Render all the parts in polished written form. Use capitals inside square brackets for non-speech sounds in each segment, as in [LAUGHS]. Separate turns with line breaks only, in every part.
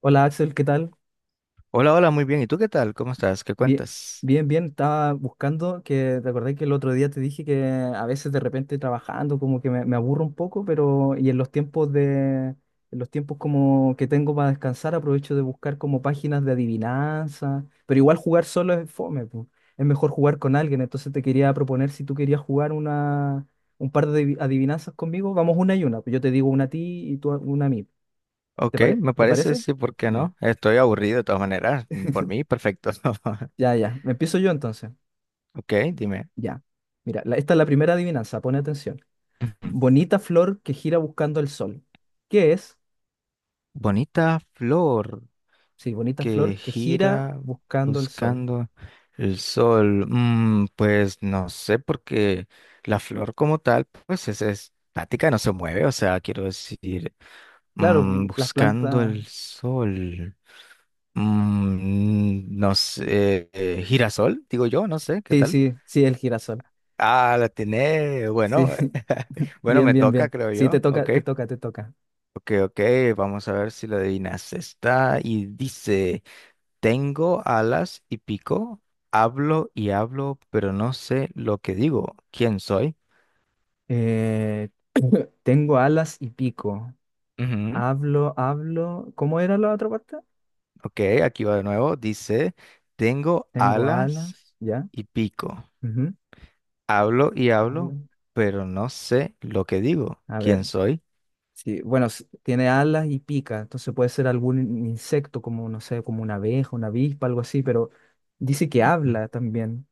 Hola Axel, ¿qué tal?
Hola, hola, muy bien. ¿Y tú qué tal? ¿Cómo estás? ¿Qué
Bien,
cuentas?
bien, bien. Estaba buscando te acordás que el otro día te dije que a veces de repente trabajando como que me aburro un poco, pero y en los en los tiempos como que tengo para descansar aprovecho de buscar como páginas de adivinanza, pero igual jugar solo es fome, po. Es mejor jugar con alguien. Entonces te quería proponer si tú querías jugar un par de adivinanzas conmigo, vamos una y una. Pues yo te digo una a ti y tú, una a mí.
Ok, me
¿Te
parece,
parece?
sí, ¿por qué
Ya,
no? Estoy aburrido de todas maneras. Por mí, perfecto. [LAUGHS]
ya. Me empiezo yo entonces.
Ok, dime.
Ya. Mira, esta es la primera adivinanza, pone atención.
Ujú.
Bonita flor que gira buscando el sol. ¿Qué es?
Bonita flor
Sí, bonita
que
flor que gira
gira
buscando el sol.
buscando el sol. Mm, pues no sé, porque la flor como tal, pues es estática, no se mueve. O sea, quiero decir,
Claro,
mm,
mm, las
buscando
plantas.
el sol. Mm, no sé, girasol, digo yo, no sé, ¿qué
Sí,
tal?
sí, sí, el girasol.
Ah, la tiene.
Sí,
Bueno, [LAUGHS]
[LAUGHS]
bueno,
bien,
me
bien,
toca,
bien.
creo
Sí, te
yo. Ok,
toca, te toca, te toca.
ok, ok. Vamos a ver si la adivinas. Está y dice: Tengo alas y pico, hablo y hablo, pero no sé lo que digo. ¿Quién soy?
Eh, [COUGHS] [CLEARS THROAT] tengo alas y pico.
Ujú.
Hablo, hablo. ¿Cómo era la otra parte?
Ok, aquí va de nuevo. Dice: Tengo
Tengo
alas
alas, ya.
y pico,
Ujú.
hablo y hablo,
Hablo.
pero no sé lo que digo.
A
¿Quién
ver.
soy?
Sí, bueno, tiene alas y pica, entonces puede ser algún insecto como, no sé, como una abeja, una avispa, algo así, pero dice que
[LAUGHS] Ujú,
habla también.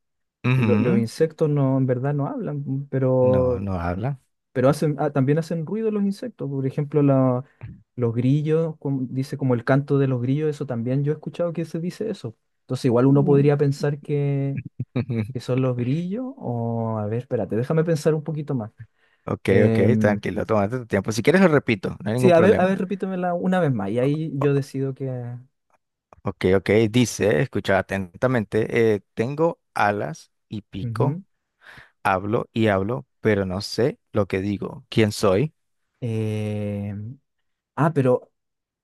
Los
ujú.
insectos no, en verdad no hablan,
No, no habla.
pero hacen, ah, también hacen ruido los insectos. Por ejemplo, los grillos, dice como el canto de los grillos, eso también yo he escuchado que se dice eso. Entonces igual uno
Mm.
podría pensar que
[LAUGHS]
son los grillos, o a ver, espérate, déjame pensar un poquito más.
Ok, ok,
Em,
tranquilo, tómate tu tiempo. Si quieres lo repito, no hay
Sí,
ningún
a ver,
problema.
repítemela una vez más. Y ahí yo decido que.
Ok, ok, dice, escucha atentamente, tengo alas y pico,
Ujú.
hablo y hablo, pero no sé lo que digo. ¿Quién soy?
Eh, ah, pero.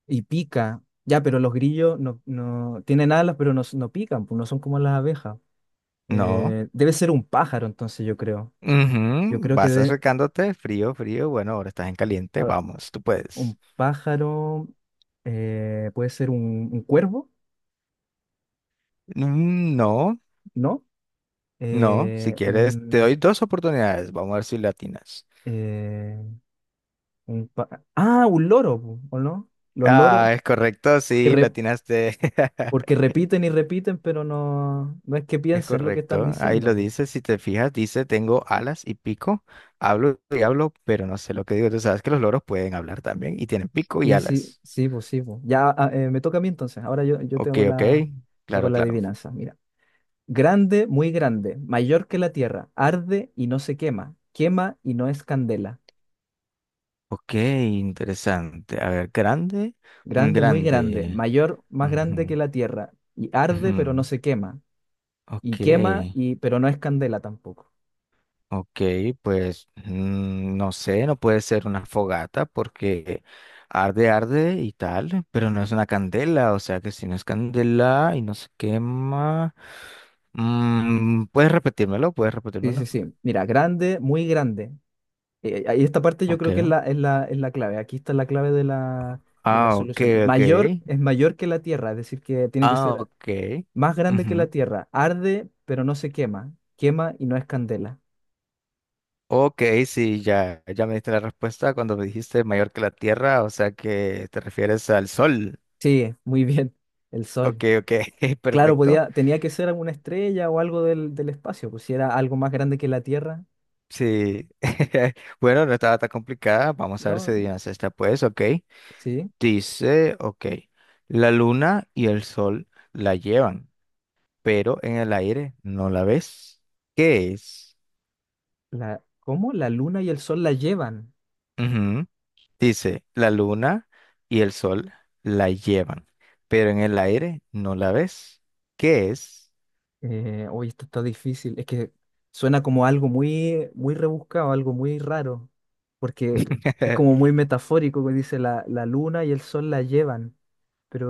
Y pica. Ya, pero los grillos no, no tienen alas, pero no, no pican, pues no son como las abejas.
No.
Debe ser un pájaro, entonces yo creo. Yo
Ujú,
creo que
vas
de,
acercándote, frío, frío, bueno, ahora estás en caliente,
a ver,
vamos, tú puedes.
un pájaro puede ser un cuervo,
Mm, no,
¿no?
no, si
Eh,
quieres, te doy
un,
dos oportunidades, vamos a ver si latinas.
eh, un loro, pu, ¿o no? Los loros,
Ah, es correcto,
porque
sí, latinaste. [LAUGHS]
porque repiten y repiten, pero no, no es que
Es
piensen lo que están
correcto, ahí lo
diciendo.
dice, si te fijas, dice, tengo alas y pico, hablo y hablo, pero no sé lo que digo, tú sabes que los loros pueden hablar también y tienen pico y
Sí, sí,
alas.
sí, pues sí, pues. Ya ah, me toca a mí entonces. Ahora yo
Ok,
tengo
ok,
tengo
claro,
la
claro.
adivinanza. Mira. Grande, muy grande, mayor que la tierra, arde y no se quema, quema y no es candela.
Ok, interesante. A ver, grande, muy
Grande, muy grande,
grande.
mayor, más grande que
Ujú,
la tierra, y arde pero no
ujú.
se quema, y
Ok,
quema y pero no es candela tampoco.
ok, pues mm, no sé, no puede ser una fogata porque arde, arde y tal, pero no es una candela, o sea que si no es candela y no se quema, mm, puedes repetírmelo, puedes
Sí, sí,
repetírmelo.
sí. Mira, grande, muy grande. Ahí esta parte yo
Ok,
creo que es la clave. Aquí está la clave de de la
ah, ok,
solución.
ok,
Mayor es mayor que la Tierra, es decir, que tiene que
ah,
ser
ok.
más grande que la
Ujú.
Tierra. Arde, pero no se quema. Quema y no es candela.
Ok, sí, ya, ya me diste la respuesta cuando me dijiste mayor que la Tierra, o sea que te refieres al Sol.
Sí, muy bien. El
Ok,
Sol.
ok, [LAUGHS]
Claro,
perfecto.
podía, tenía que ser alguna estrella o algo del espacio, pues si era algo más grande que la Tierra,
Sí, [LAUGHS] bueno, no estaba tan complicada. Vamos a ver si
¿no?
adivinas esta, pues, ok.
Sí.
Dice, ok, la luna y el sol la llevan, pero en el aire no la ves. ¿Qué es?
¿Cómo? La Luna y el Sol la llevan.
Ujú. Dice, la luna y el sol la llevan, pero en el aire no la ves. ¿Qué es?
Uy, esto está difícil. Es que suena como algo muy, muy rebuscado, algo muy raro, porque es
[LAUGHS]
como muy metafórico que dice la luna y el sol la llevan.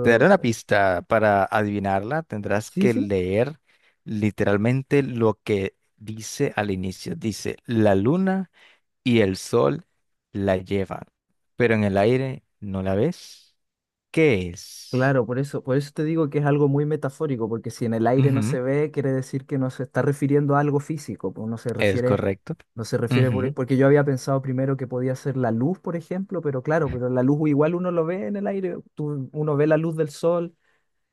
Te daré una pista. Para adivinarla, tendrás
sí,
que
sí,
leer literalmente lo que dice al inicio. Dice, la luna y el sol la llevan, pero en el aire no la ves. ¿Qué es?
claro, por eso te digo que es algo muy metafórico, porque si en el aire no
Ujú,
se ve, quiere decir que no se está refiriendo a algo físico, pues no se
es
refiere,
correcto.
no se refiere
Ujú.
porque yo había pensado primero que podía ser la luz, por ejemplo, pero claro, pero la luz igual uno lo ve en el aire, uno ve la luz del sol,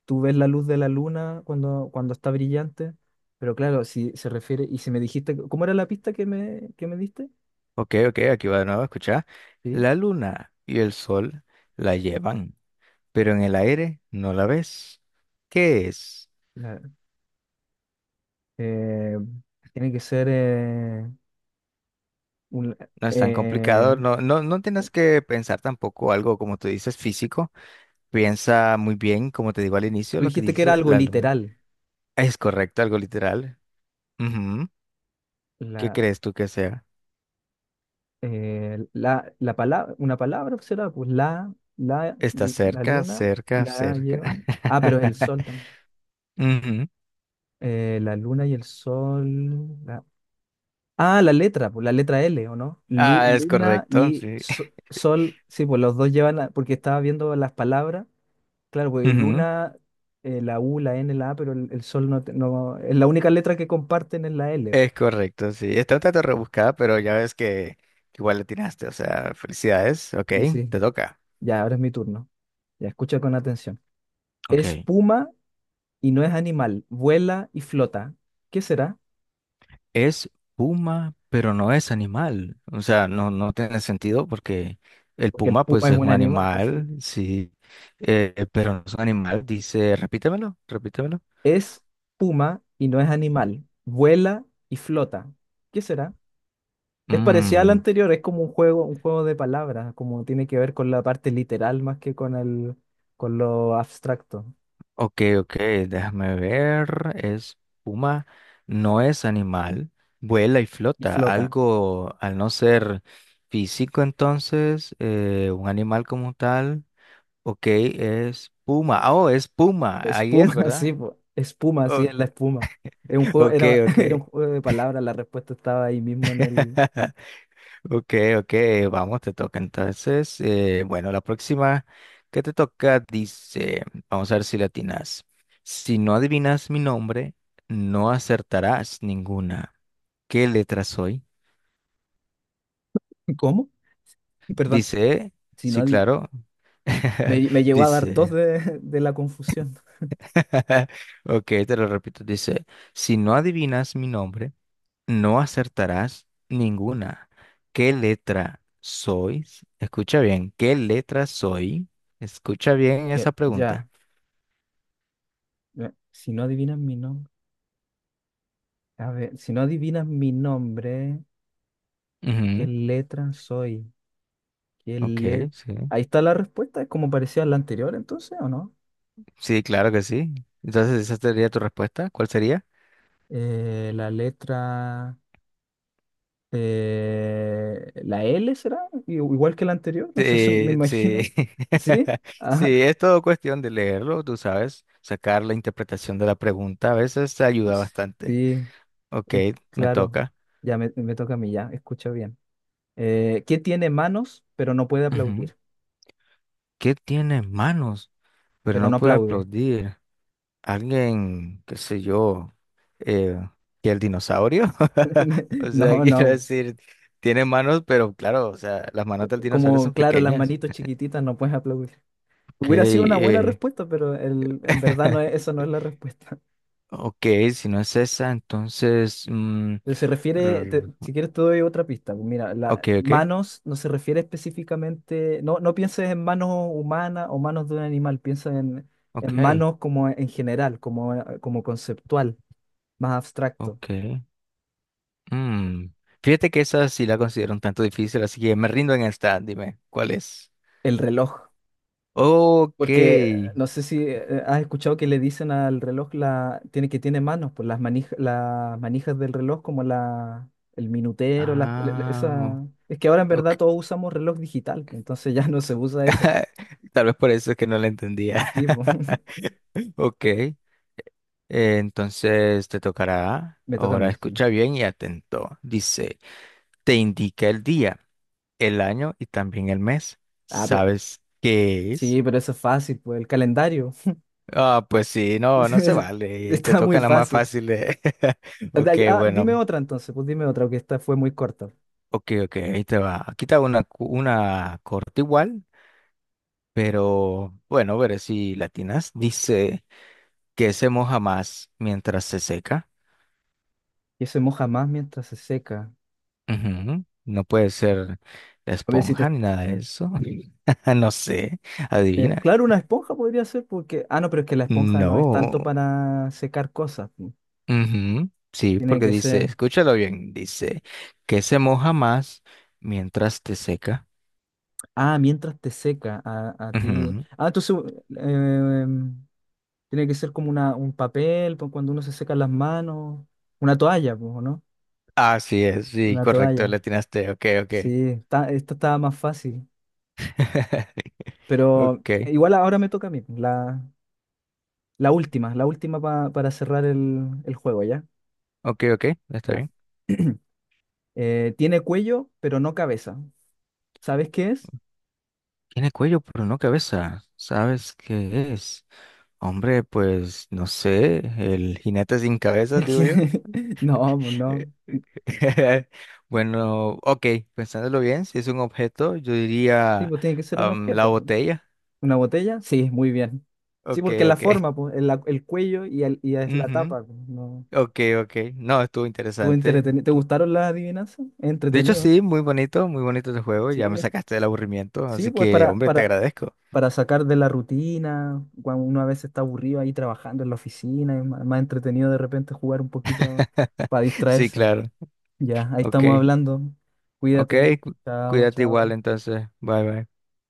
tú ves la luz de la luna cuando está brillante, pero claro, si se refiere, y si me dijiste, ¿cómo era la pista que que me diste?
Ok, ok, aquí va de nuevo, escucha.
Sí,
La luna y el sol la llevan, pero en el aire no la ves. ¿Qué es?
la- eh, tiene que ser, un-
No es tan
eh,
complicado, no, no, no tienes que pensar tampoco algo como tú dices físico, piensa muy bien, como te digo al inicio,
tú
lo que
dijiste que era
dice
algo
la luna.
literal,
Es correcto, algo literal. Ujú. ¿Qué
la,
crees tú que sea?
la palabra, una palabra será, pues
Está
la
cerca,
luna,
cerca,
la
cerca.
llevan, ah, pero el
[LAUGHS]
sol también.
Ujú.
La luna y el sol. Ah, la letra, pues la letra L, ¿o no?
Ah, es
Luna
correcto,
y
sí. [LAUGHS]
sol, sí, pues los dos llevan, porque estaba viendo las palabras, claro, pues
Ujú.
luna, la U, la N, la A, pero el sol no, no, es la única letra que comparten es la L.
Es correcto, sí. Está un tanto rebuscada, pero ya ves que igual le tiraste, o sea, felicidades, ok,
Y sí,
te toca.
ya, ahora es mi turno. Ya, escucha con atención. Es
Ok.
puma y no es animal, vuela y flota. ¿Qué será?
Es puma, pero no es animal. O sea, no, no tiene sentido porque el
Porque el
puma,
puma
pues,
es
es
un
un
animal, pues sí.
animal, sí, pero no es un animal. Dice, repítemelo, repítemelo.
Es puma y no es animal, vuela y flota. ¿Qué será? Es parecida al
Mm,
anterior, es como un juego de palabras, como tiene que ver con la parte literal más que con con lo abstracto.
ok, ok, déjame ver. Es puma, no es animal, vuela y
Y
flota.
flota.
Algo, al no ser físico, entonces, un animal como tal. Ok, es puma. Ah, oh, es puma. Ahí es,
Espuma, [LAUGHS] sí,
¿verdad?
po.
[LAUGHS]
Espuma, sí,
O-
es la espuma. Es un juego,
Ok,
era, [LAUGHS]
ok.
era un juego de palabras, la respuesta estaba ahí mismo en el.
[LAUGHS] Ok, ok, vamos, te toca entonces. Eh, bueno, la próxima que te toca dice, vamos a ver si la atinas. Si no adivinas mi nombre, no acertarás ninguna. ¿Qué letra soy?
¿Cómo? Perdón.
Dice,
Si no
sí,
adi-
claro. [LAUGHS]
Me llegó a dar tos
Dice,
de, [LAUGHS] de la confusión.
[LAUGHS] ok, te lo repito, dice, si no adivinas mi nombre, no acertarás ninguna. ¿Qué letra sois? Escucha bien, ¿qué letra soy? Escucha bien
Ya,
esa pregunta.
ya, ya. Si no adivinas mi nombre. A ver, si no adivinas mi nombre, ¿qué
Ujú,
letra soy? ¿Qué
ok,
le-
sí.
Ahí está la respuesta, es como parecía la anterior entonces, ¿o no?
Sí, claro que sí. Entonces, ¿esa sería tu respuesta? ¿Cuál sería?
Eh, la letra, la L será, igual que la anterior, no sé, [LAUGHS] me
Sí,
imagino.
sí.
¿Sí?
[LAUGHS] Sí,
Ah,
es todo cuestión de leerlo, tú sabes, sacar la interpretación de la pregunta. A veces te ayuda bastante.
sí,
Ok,
es
me
claro.
toca.
Ya me toca a mí, ya, escucha bien. ¿Qué tiene manos pero no puede
Ujú.
aplaudir?
¿Qué tiene manos, pero
Pero
no
no
puede
aplaude.
aplaudir? Alguien, qué sé yo, eh, que el dinosaurio. [LAUGHS] O
[LAUGHS]
sea,
No,
quiero
no.
decir, tiene manos, pero claro, o sea, las manos del dinosaurio
Como,
son
claro, las
pequeñas.
manitos chiquititas no puedes aplaudir.
Ok,
Hubiera sido una buena respuesta, pero en verdad no es,
[LAUGHS]
eso no es la respuesta.
ok, si no es esa, entonces, mm,
Pero se refiere,
rr,
si quieres te doy otra pista. Pues mira,
ok, ok,
manos no se refiere específicamente, no, no pienses en manos humanas o manos de un animal, piensa en
ok,
manos como en general, como, como conceptual, más abstracto.
ok. Mm. Fíjate que esa sí la considero un tanto difícil, así que me rindo en esta. Dime, ¿cuál es?
El reloj,
Ok.
porque no sé si has escuchado que le dicen al reloj tiene, que tiene manos, pues las manijas del reloj como el minutero,
Ah,
esa... Es que ahora en verdad todos
ok.
usamos reloj digital, pues, entonces ya no se usa eso.
[LAUGHS] Tal vez por eso es que no la entendía.
Sí, pues.
[LAUGHS] Ok,
[LAUGHS]
entonces te tocará.
Me toca a
Ahora
mí, sí.
escucha bien y atento. Dice, te indica el día, el año y también el mes.
Ah, pero
¿Sabes qué es?
sí, pero eso es fácil, pues el calendario.
Ah, pues sí, no, no se
[LAUGHS]
vale. Te
Está muy
tocan las más
fácil.
fáciles. [LAUGHS] Ok,
Dime
bueno.
otra entonces, pues dime otra, que esta fue muy corta.
Ok, ok, ahí te va. Aquí te hago una, cu- una corta igual, pero bueno, veré si latinas. Dice que se moja más mientras se seca.
Y se moja más mientras se seca.
Ujú, no puede ser la
A ver si
esponja
te...
ni nada de eso. [LAUGHS] No sé, adivina.
claro, una esponja podría ser porque... Ah, no, pero es que la esponja no es
No.
tanto para secar cosas. Pu.
Ujú, sí,
Tiene
porque
que
dice,
ser...
escúchalo bien, dice que se moja más mientras te seca.
Ah, mientras te seca a ti.
Ujú,
Ah, entonces eh, tiene que ser como un papel, pues, cuando uno se seca las manos. Una toalla, pues, ¿o no?
así es, sí,
Una
correcto, le
toalla.
atinaste, ok, ok.
Sí, está, esta estaba más fácil.
[LAUGHS]
Pero
Ok,
igual ahora me toca a mí. La última para cerrar el juego, ¿ya?
ok, ok, está
Ya.
bien.
[CLEARS THROAT] Tiene cuello, pero no cabeza. ¿Sabes qué es?
Tiene cuello, pero no cabeza. ¿Sabes qué es? Hombre, pues no sé, el jinete sin cabeza,
[LAUGHS]
digo yo.
No, pues
Eh,
no.
[LAUGHS] bueno, ok, pensándolo bien, si es un objeto, yo
Sí,
diría
pues tiene que ser un
am, la
objeto. Pues.
botella.
¿Una botella? Sí, muy bien. Sí,
Ok,
porque la
ok.
forma,
[LAUGHS]
pues, el cuello y, y es la
Ujú,
tapa. Pues, no.
ok, ok. No, estuvo interesante.
¿Te
Tú-
gustaron las adivinanzas?
De hecho,
Entretenido.
sí, muy bonito el juego.
Sí,
Ya me sacaste del aburrimiento,
sí,
así
pues
que, hombre, te agradezco.
para sacar de la rutina, cuando uno a veces está aburrido ahí trabajando en la oficina, es más entretenido de repente jugar un poquito
[LAUGHS]
para
Sí,
distraerse.
claro.
Ya, ahí
Ok,
estamos hablando.
ok.
Cuídate.
Cu-
Chao,
Cuídate igual
chao.
entonces. Bye, bye.